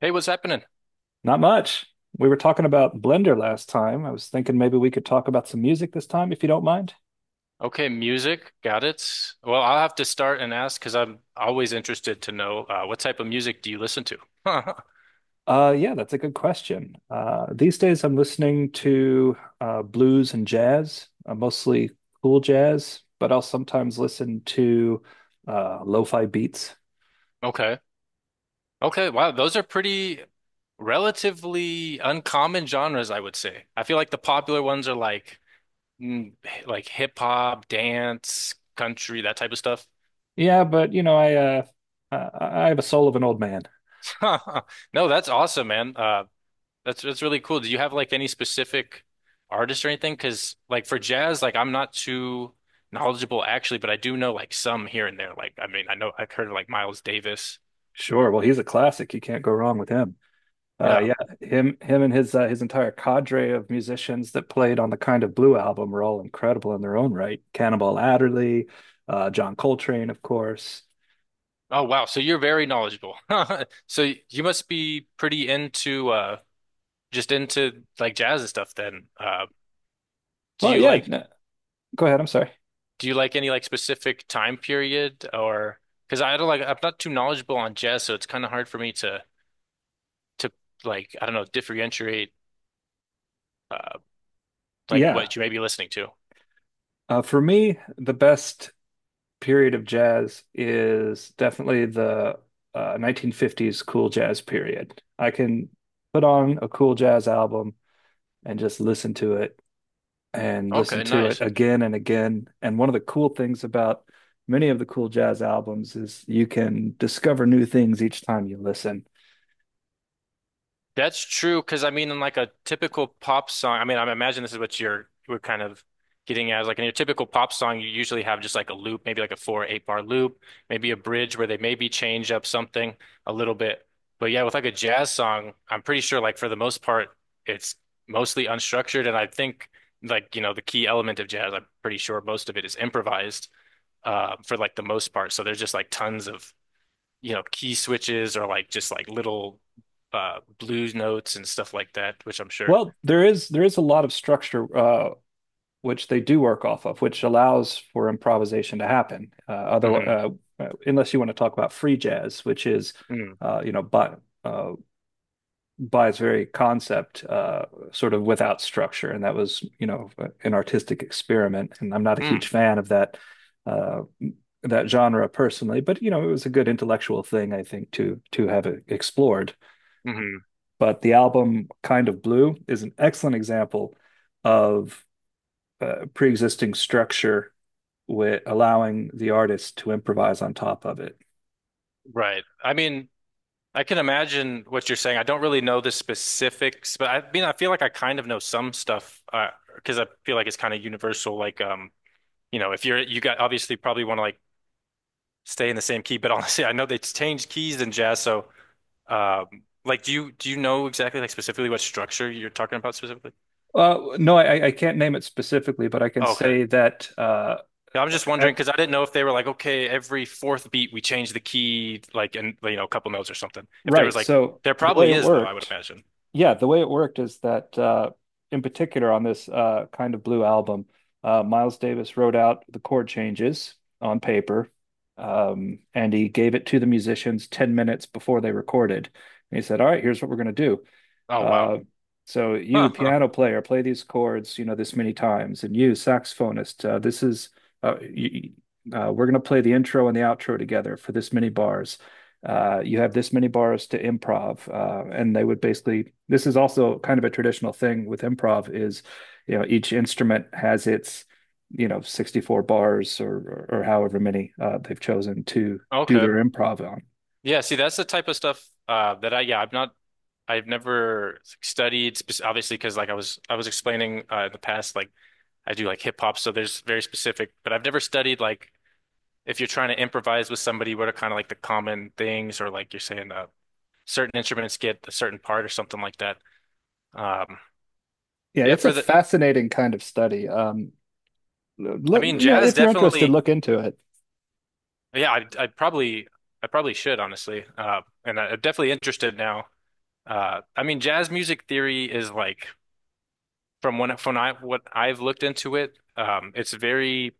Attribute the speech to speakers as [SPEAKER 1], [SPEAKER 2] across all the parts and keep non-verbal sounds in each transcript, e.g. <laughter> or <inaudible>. [SPEAKER 1] Hey, what's happening?
[SPEAKER 2] Not much. We were talking about Blender last time. I was thinking maybe we could talk about some music this time, if you don't mind.
[SPEAKER 1] Okay, music, got it. Well, I'll have to start and ask because I'm always interested to know what type of music do you listen to? <laughs>
[SPEAKER 2] Yeah, that's a good question. These days I'm listening to blues and jazz, mostly cool jazz, but I'll sometimes listen to lo-fi beats.
[SPEAKER 1] Okay. Okay, wow, those are pretty relatively uncommon genres, I would say. I feel like the popular ones are like mm, like hip hop, dance, country, that type of stuff.
[SPEAKER 2] Yeah, but you know, I have a soul of an old man.
[SPEAKER 1] <laughs> No, that's awesome, man. That's really cool. Do you have like any specific artist or anything? Because like for jazz, like I'm not too knowledgeable actually, but I do know like some here and there. Like I mean, I know I've heard of like Miles Davis.
[SPEAKER 2] Sure. Well, he's a classic. You can't go wrong with him. Uh,
[SPEAKER 1] Yeah.
[SPEAKER 2] yeah, him, and his entire cadre of musicians that played on the Kind of Blue album were all incredible in their own right. Cannonball Adderley, John Coltrane, of course.
[SPEAKER 1] Oh wow. So you're very knowledgeable. <laughs> So you must be pretty into just into like jazz and stuff then. Do
[SPEAKER 2] Well,
[SPEAKER 1] you
[SPEAKER 2] yeah,
[SPEAKER 1] like
[SPEAKER 2] no, go ahead. I'm sorry.
[SPEAKER 1] do you like any like specific time period or because I don't like I'm not too knowledgeable on jazz, so it's kind of hard for me to like I don't know differentiate. uh, like
[SPEAKER 2] Yeah,
[SPEAKER 1] what you may be listening to.
[SPEAKER 2] for me, the best period of jazz is definitely the 1950s cool jazz period. I can put on a cool jazz album and just listen to it and listen
[SPEAKER 1] Okay,
[SPEAKER 2] to it
[SPEAKER 1] nice.
[SPEAKER 2] again and again. And one of the cool things about many of the cool jazz albums is you can discover new things each time you listen.
[SPEAKER 1] That's true because I mean, in like a typical pop song, I mean, I imagine this is what you're we're kind of getting at. Is, Like in your typical pop song, you usually have just like a loop, maybe like a four or eight bar loop, maybe a bridge where they maybe change up something a little bit. But yeah, with like a jazz song, I'm pretty sure like for the most part, it's mostly unstructured, and I think like you know the key element of jazz, I'm pretty sure most of it is improvised for like the most part. So there's just like tons of you know, key switches or like just like little blues notes and stuff like that, which I'm sure.
[SPEAKER 2] Well, there is a lot of structure which they do work off of, which allows for improvisation to happen. Other
[SPEAKER 1] Hmm.
[SPEAKER 2] Unless you want to talk about free jazz, which is
[SPEAKER 1] Mm.
[SPEAKER 2] you know uh, by its very concept, sort of without structure, and that was, you know, an artistic experiment. And I'm not a huge
[SPEAKER 1] Mm.
[SPEAKER 2] fan of uh, that genre personally, but you know, it was a good intellectual thing, I think, to have it explored.
[SPEAKER 1] Hmm.
[SPEAKER 2] But the album Kind of Blue is an excellent example of pre-existing structure with allowing the artist to improvise on top of it.
[SPEAKER 1] Right. I mean, I can imagine what you're saying. I don't really know the specifics, but I mean, I feel like I kind of know some stuff because I feel like it's kind of universal. Like, you know, if you got obviously probably want to like stay in the same key, but <laughs> honestly, I know they changed keys in jazz, so um, like, do you know exactly like specifically what structure you're talking about specifically?
[SPEAKER 2] No, I can't name it specifically, but I can say that
[SPEAKER 1] Yeah, I'm just wondering because I didn't know if they were like, okay, every fourth beat we change the key, like, and you know, a couple notes or something. If there
[SPEAKER 2] Right.
[SPEAKER 1] was like,
[SPEAKER 2] So
[SPEAKER 1] there
[SPEAKER 2] the way
[SPEAKER 1] probably
[SPEAKER 2] it
[SPEAKER 1] is though, I would
[SPEAKER 2] worked,
[SPEAKER 1] imagine.
[SPEAKER 2] yeah, the way it worked is that in particular on this kind of blue album, Miles Davis wrote out the chord changes on paper, and he gave it to the musicians 10 minutes before they recorded. And he said, All right, here's what we're going to do.
[SPEAKER 1] Oh wow.
[SPEAKER 2] Uh, so you,
[SPEAKER 1] Huh, huh.
[SPEAKER 2] piano player, play these chords, you know, this many times, and you, saxophonist, this is uh, you, we're going to play the intro and the outro together for this many bars. You have this many bars to improv, and they would basically. This is also kind of a traditional thing with improv is, you know, each instrument has its, you know, 64 bars or however many they've chosen to do
[SPEAKER 1] Okay.
[SPEAKER 2] their improv on.
[SPEAKER 1] Yeah. See, that's the type of stuff that I have not, I've never studied obviously because like I was explaining in the past, like I do like hip hop, so there's very specific, but I've never studied like if you're trying to improvise with somebody, what are kind of like the common things or like you're saying certain instruments get a certain part or something like that. Um,
[SPEAKER 2] Yeah,
[SPEAKER 1] yeah,
[SPEAKER 2] it's a
[SPEAKER 1] for the
[SPEAKER 2] fascinating kind of study.
[SPEAKER 1] I
[SPEAKER 2] Look,
[SPEAKER 1] mean,
[SPEAKER 2] you know,
[SPEAKER 1] jazz
[SPEAKER 2] if you're interested,
[SPEAKER 1] definitely.
[SPEAKER 2] look into it.
[SPEAKER 1] Yeah, I probably should honestly. And I'm definitely interested now. I mean, jazz music theory is like from when from I what I've looked into it. It's very,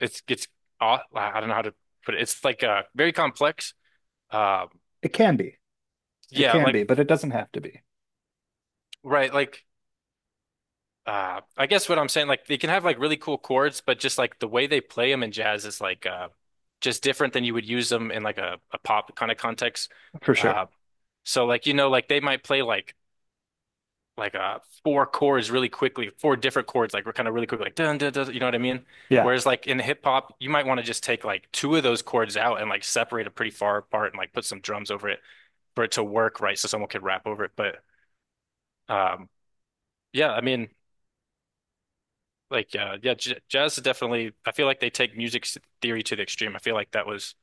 [SPEAKER 1] it's aw- I don't know how to put it. It's like very complex. Uh,
[SPEAKER 2] It can be. It
[SPEAKER 1] yeah,
[SPEAKER 2] can
[SPEAKER 1] like
[SPEAKER 2] be, but it doesn't have to be
[SPEAKER 1] right, like I guess what I'm saying, like they can have like really cool chords, but just like the way they play them in jazz is like just different than you would use them in like a pop kind of context.
[SPEAKER 2] for sure.
[SPEAKER 1] Uh, So like you know like they might play like four chords really quickly, four different chords like we're kind of really quick like dun dun dun, you know what I mean?
[SPEAKER 2] Yeah.
[SPEAKER 1] Whereas like in hip hop, you might want to just take like two of those chords out and like separate it pretty far apart and like put some drums over it for it to work right so someone could rap over it. But um yeah, I mean like yeah, j jazz is definitely I feel like they take music theory to the extreme. I feel like that was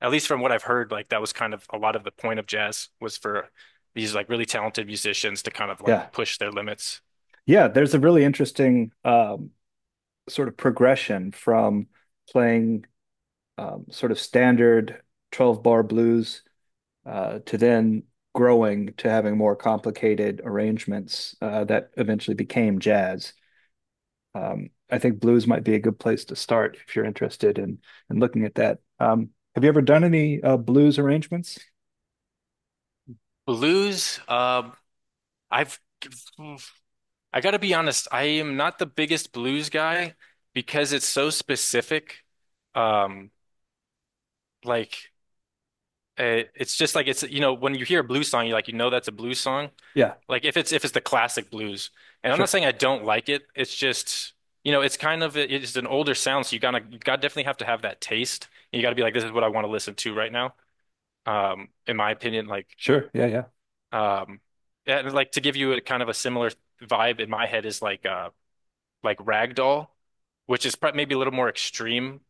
[SPEAKER 1] at least from what I've heard like that was kind of a lot of the point of jazz was for these like really talented musicians to kind of like
[SPEAKER 2] Yeah.
[SPEAKER 1] push their limits.
[SPEAKER 2] Yeah. There's a really interesting sort of progression from playing sort of standard 12 bar blues to then growing to having more complicated arrangements that eventually became jazz. I think blues might be a good place to start if you're interested in looking at that. Have you ever done any blues arrangements?
[SPEAKER 1] Blues, I've I gotta be honest, I am not the biggest blues guy because it's so specific. Um, like it's just like it's you know when you hear a blues song, you like you know that's a blues song.
[SPEAKER 2] Yeah.
[SPEAKER 1] Like if it's the classic blues, and I'm not
[SPEAKER 2] Sure.
[SPEAKER 1] saying I don't like it. It's just you know it's kind of it's an older sound, so you gotta definitely have to have that taste. You gotta be like this is what I want to listen to right now. In my opinion, like.
[SPEAKER 2] Sure. Yeah, yeah.
[SPEAKER 1] Um, and like to give you a kind of a similar vibe in my head is like Ragdoll, which is maybe a little more extreme,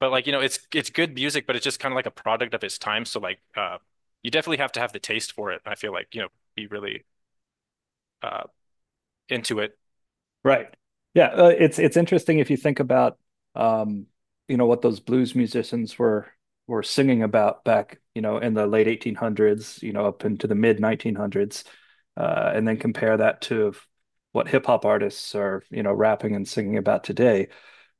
[SPEAKER 1] but like you know it's good music, but it's just kind of like a product of its time. So like you definitely have to have the taste for it. I feel like you know be really uh into it.
[SPEAKER 2] Right. It's interesting if you think about um, you know, what those blues musicians were singing about back, you know, in the late 1800s, you know, up into the mid 1900s, and then compare that to what hip hop artists are, you know, rapping and singing about today.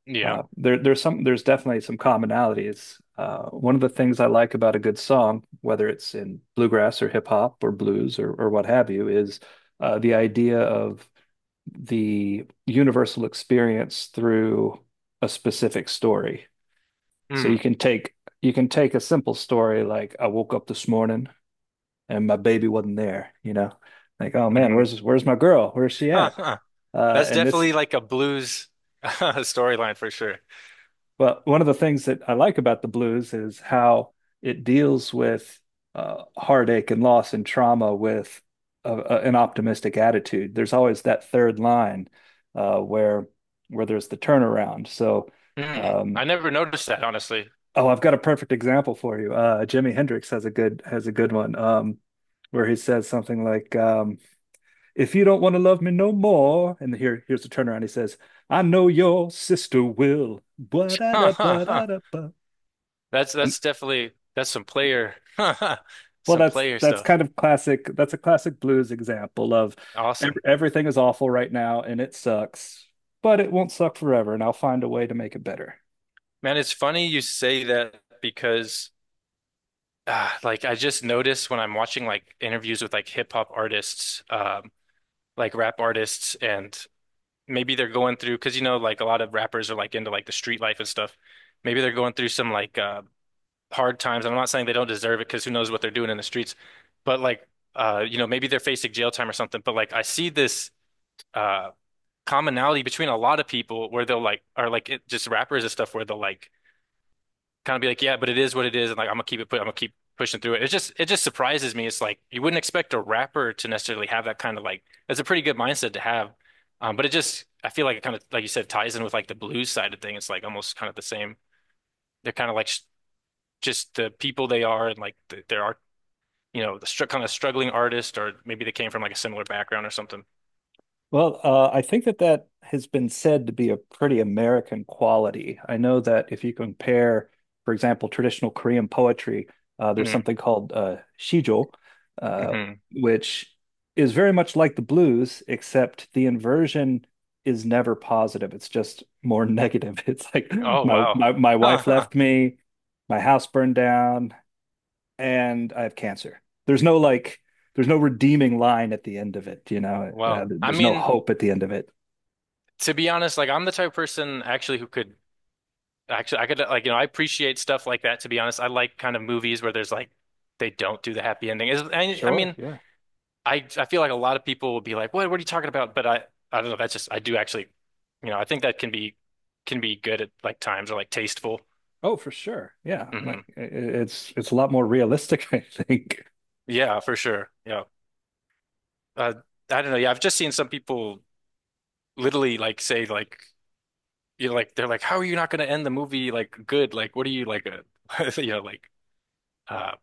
[SPEAKER 1] Yeah.
[SPEAKER 2] There's definitely some commonalities. One of the things I like about a good song, whether it's in bluegrass or hip hop or blues or what have you, is the idea of the universal experience through a specific story. So you
[SPEAKER 1] Mm.
[SPEAKER 2] can take you can take a simple story like I woke up this morning and my baby wasn't there, you know. Like, oh man,
[SPEAKER 1] Hmm.
[SPEAKER 2] where's my girl? Where's she
[SPEAKER 1] Huh,
[SPEAKER 2] at?
[SPEAKER 1] huh. <laughs> That's
[SPEAKER 2] And this
[SPEAKER 1] definitely like a blues <laughs> storyline for sure.
[SPEAKER 2] Well, one of the things that I like about the blues is how it deals with heartache and loss and trauma with an optimistic attitude. There's always that third line uh, where where there's the turnaround. So,
[SPEAKER 1] Mm.
[SPEAKER 2] um,
[SPEAKER 1] I never noticed that honestly. <laughs>
[SPEAKER 2] oh, I've got a perfect example for you. Jimi Hendrix has a good one where he says something like, "If you don't want to love me no more," and here's the turnaround. He says, "I know your sister will."
[SPEAKER 1] Huh,
[SPEAKER 2] Ba-da-da,
[SPEAKER 1] huh, huh.
[SPEAKER 2] ba-da-da, ba.
[SPEAKER 1] That's definitely that's some player <laughs>
[SPEAKER 2] Well,
[SPEAKER 1] some
[SPEAKER 2] that's
[SPEAKER 1] player
[SPEAKER 2] that's
[SPEAKER 1] stuff.
[SPEAKER 2] kind of classic. That's a classic blues example of ev
[SPEAKER 1] Awesome.
[SPEAKER 2] everything is awful right now and it sucks, but it won't suck forever, and I'll find a way to make it better.
[SPEAKER 1] Man, it's funny you say that because like I just noticed when I'm watching like interviews with like hip hop artists, like rap artists and maybe they're going through because you know like a lot of rappers are like into like the street life and stuff. Maybe they're going through some like hard times. I'm not saying they don't deserve it because who knows what they're doing in the streets, but like you know maybe they're facing jail time or something, but like I see this uh commonality between a lot of people where they'll like are like it, just rappers and stuff where they'll like kind of be like, yeah, but it is what it is, and like I'm gonna keep it put, I'm gonna keep pushing through it. It just surprises me. It's like you wouldn't expect a rapper to necessarily have that kind of like it's a pretty good mindset to have, but it just I feel like it kind of like you said ties in with like the blues side of thing. It's like almost kind of the same. They're kind of like sh just the people they are and like there are you know the str kind of struggling artist or maybe they came from like a similar background or something.
[SPEAKER 2] Well, I think that has been said to be a pretty American quality. I know that if you compare, for example, traditional Korean poetry, there's
[SPEAKER 1] Mm-hmm.
[SPEAKER 2] something called shijo, uh,
[SPEAKER 1] Mm-hmm.
[SPEAKER 2] which is very much like the blues, except the inversion is never positive. It's just more negative. <laughs> It's like
[SPEAKER 1] Oh
[SPEAKER 2] my
[SPEAKER 1] wow. <laughs>
[SPEAKER 2] my my
[SPEAKER 1] Huh,
[SPEAKER 2] wife
[SPEAKER 1] huh.
[SPEAKER 2] left me, my house burned down, and I have cancer. There's no like, there's no redeeming line at the end of it. You know,
[SPEAKER 1] Well, I
[SPEAKER 2] there's no
[SPEAKER 1] mean,
[SPEAKER 2] hope at the end of it.
[SPEAKER 1] to be honest, like I'm the type of person actually who could actually I could like you know I appreciate stuff like that. To be honest, I like kind of movies where there's like they don't do the happy ending. I
[SPEAKER 2] Sure.
[SPEAKER 1] mean
[SPEAKER 2] Yeah.
[SPEAKER 1] I feel like a lot of people will be like, what are you talking about? But I don't know. That's just I do actually, you know, I think that can be good at like times or like tasteful.
[SPEAKER 2] Oh, for sure. Yeah,
[SPEAKER 1] Hmm.
[SPEAKER 2] like it's a lot more realistic, <laughs> I think,
[SPEAKER 1] Yeah, for sure. Yeah. Uh, I don't know. Yeah, I've just seen some people literally like say like you know like they're like, how are you not going to end the movie like good? Like what are you like a <laughs> you know like. Uh,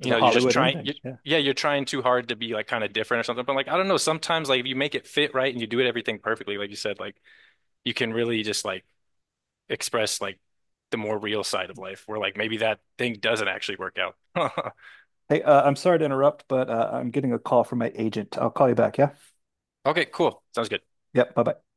[SPEAKER 1] you
[SPEAKER 2] the
[SPEAKER 1] know, you're just
[SPEAKER 2] Hollywood
[SPEAKER 1] trying,
[SPEAKER 2] ending.
[SPEAKER 1] you,
[SPEAKER 2] Yeah.
[SPEAKER 1] yeah, you're trying too hard to be like kind of different or something. But like, I don't know, sometimes like if you make it fit right and you do it everything perfectly, like you said, like you can really just like express like the more real side of life where like maybe that thing doesn't actually work out. <laughs>
[SPEAKER 2] Hey, I'm sorry to interrupt, but I'm getting a call from my agent. I'll call you back. Yeah.
[SPEAKER 1] Okay, cool. Sounds good.
[SPEAKER 2] Yep. Bye bye.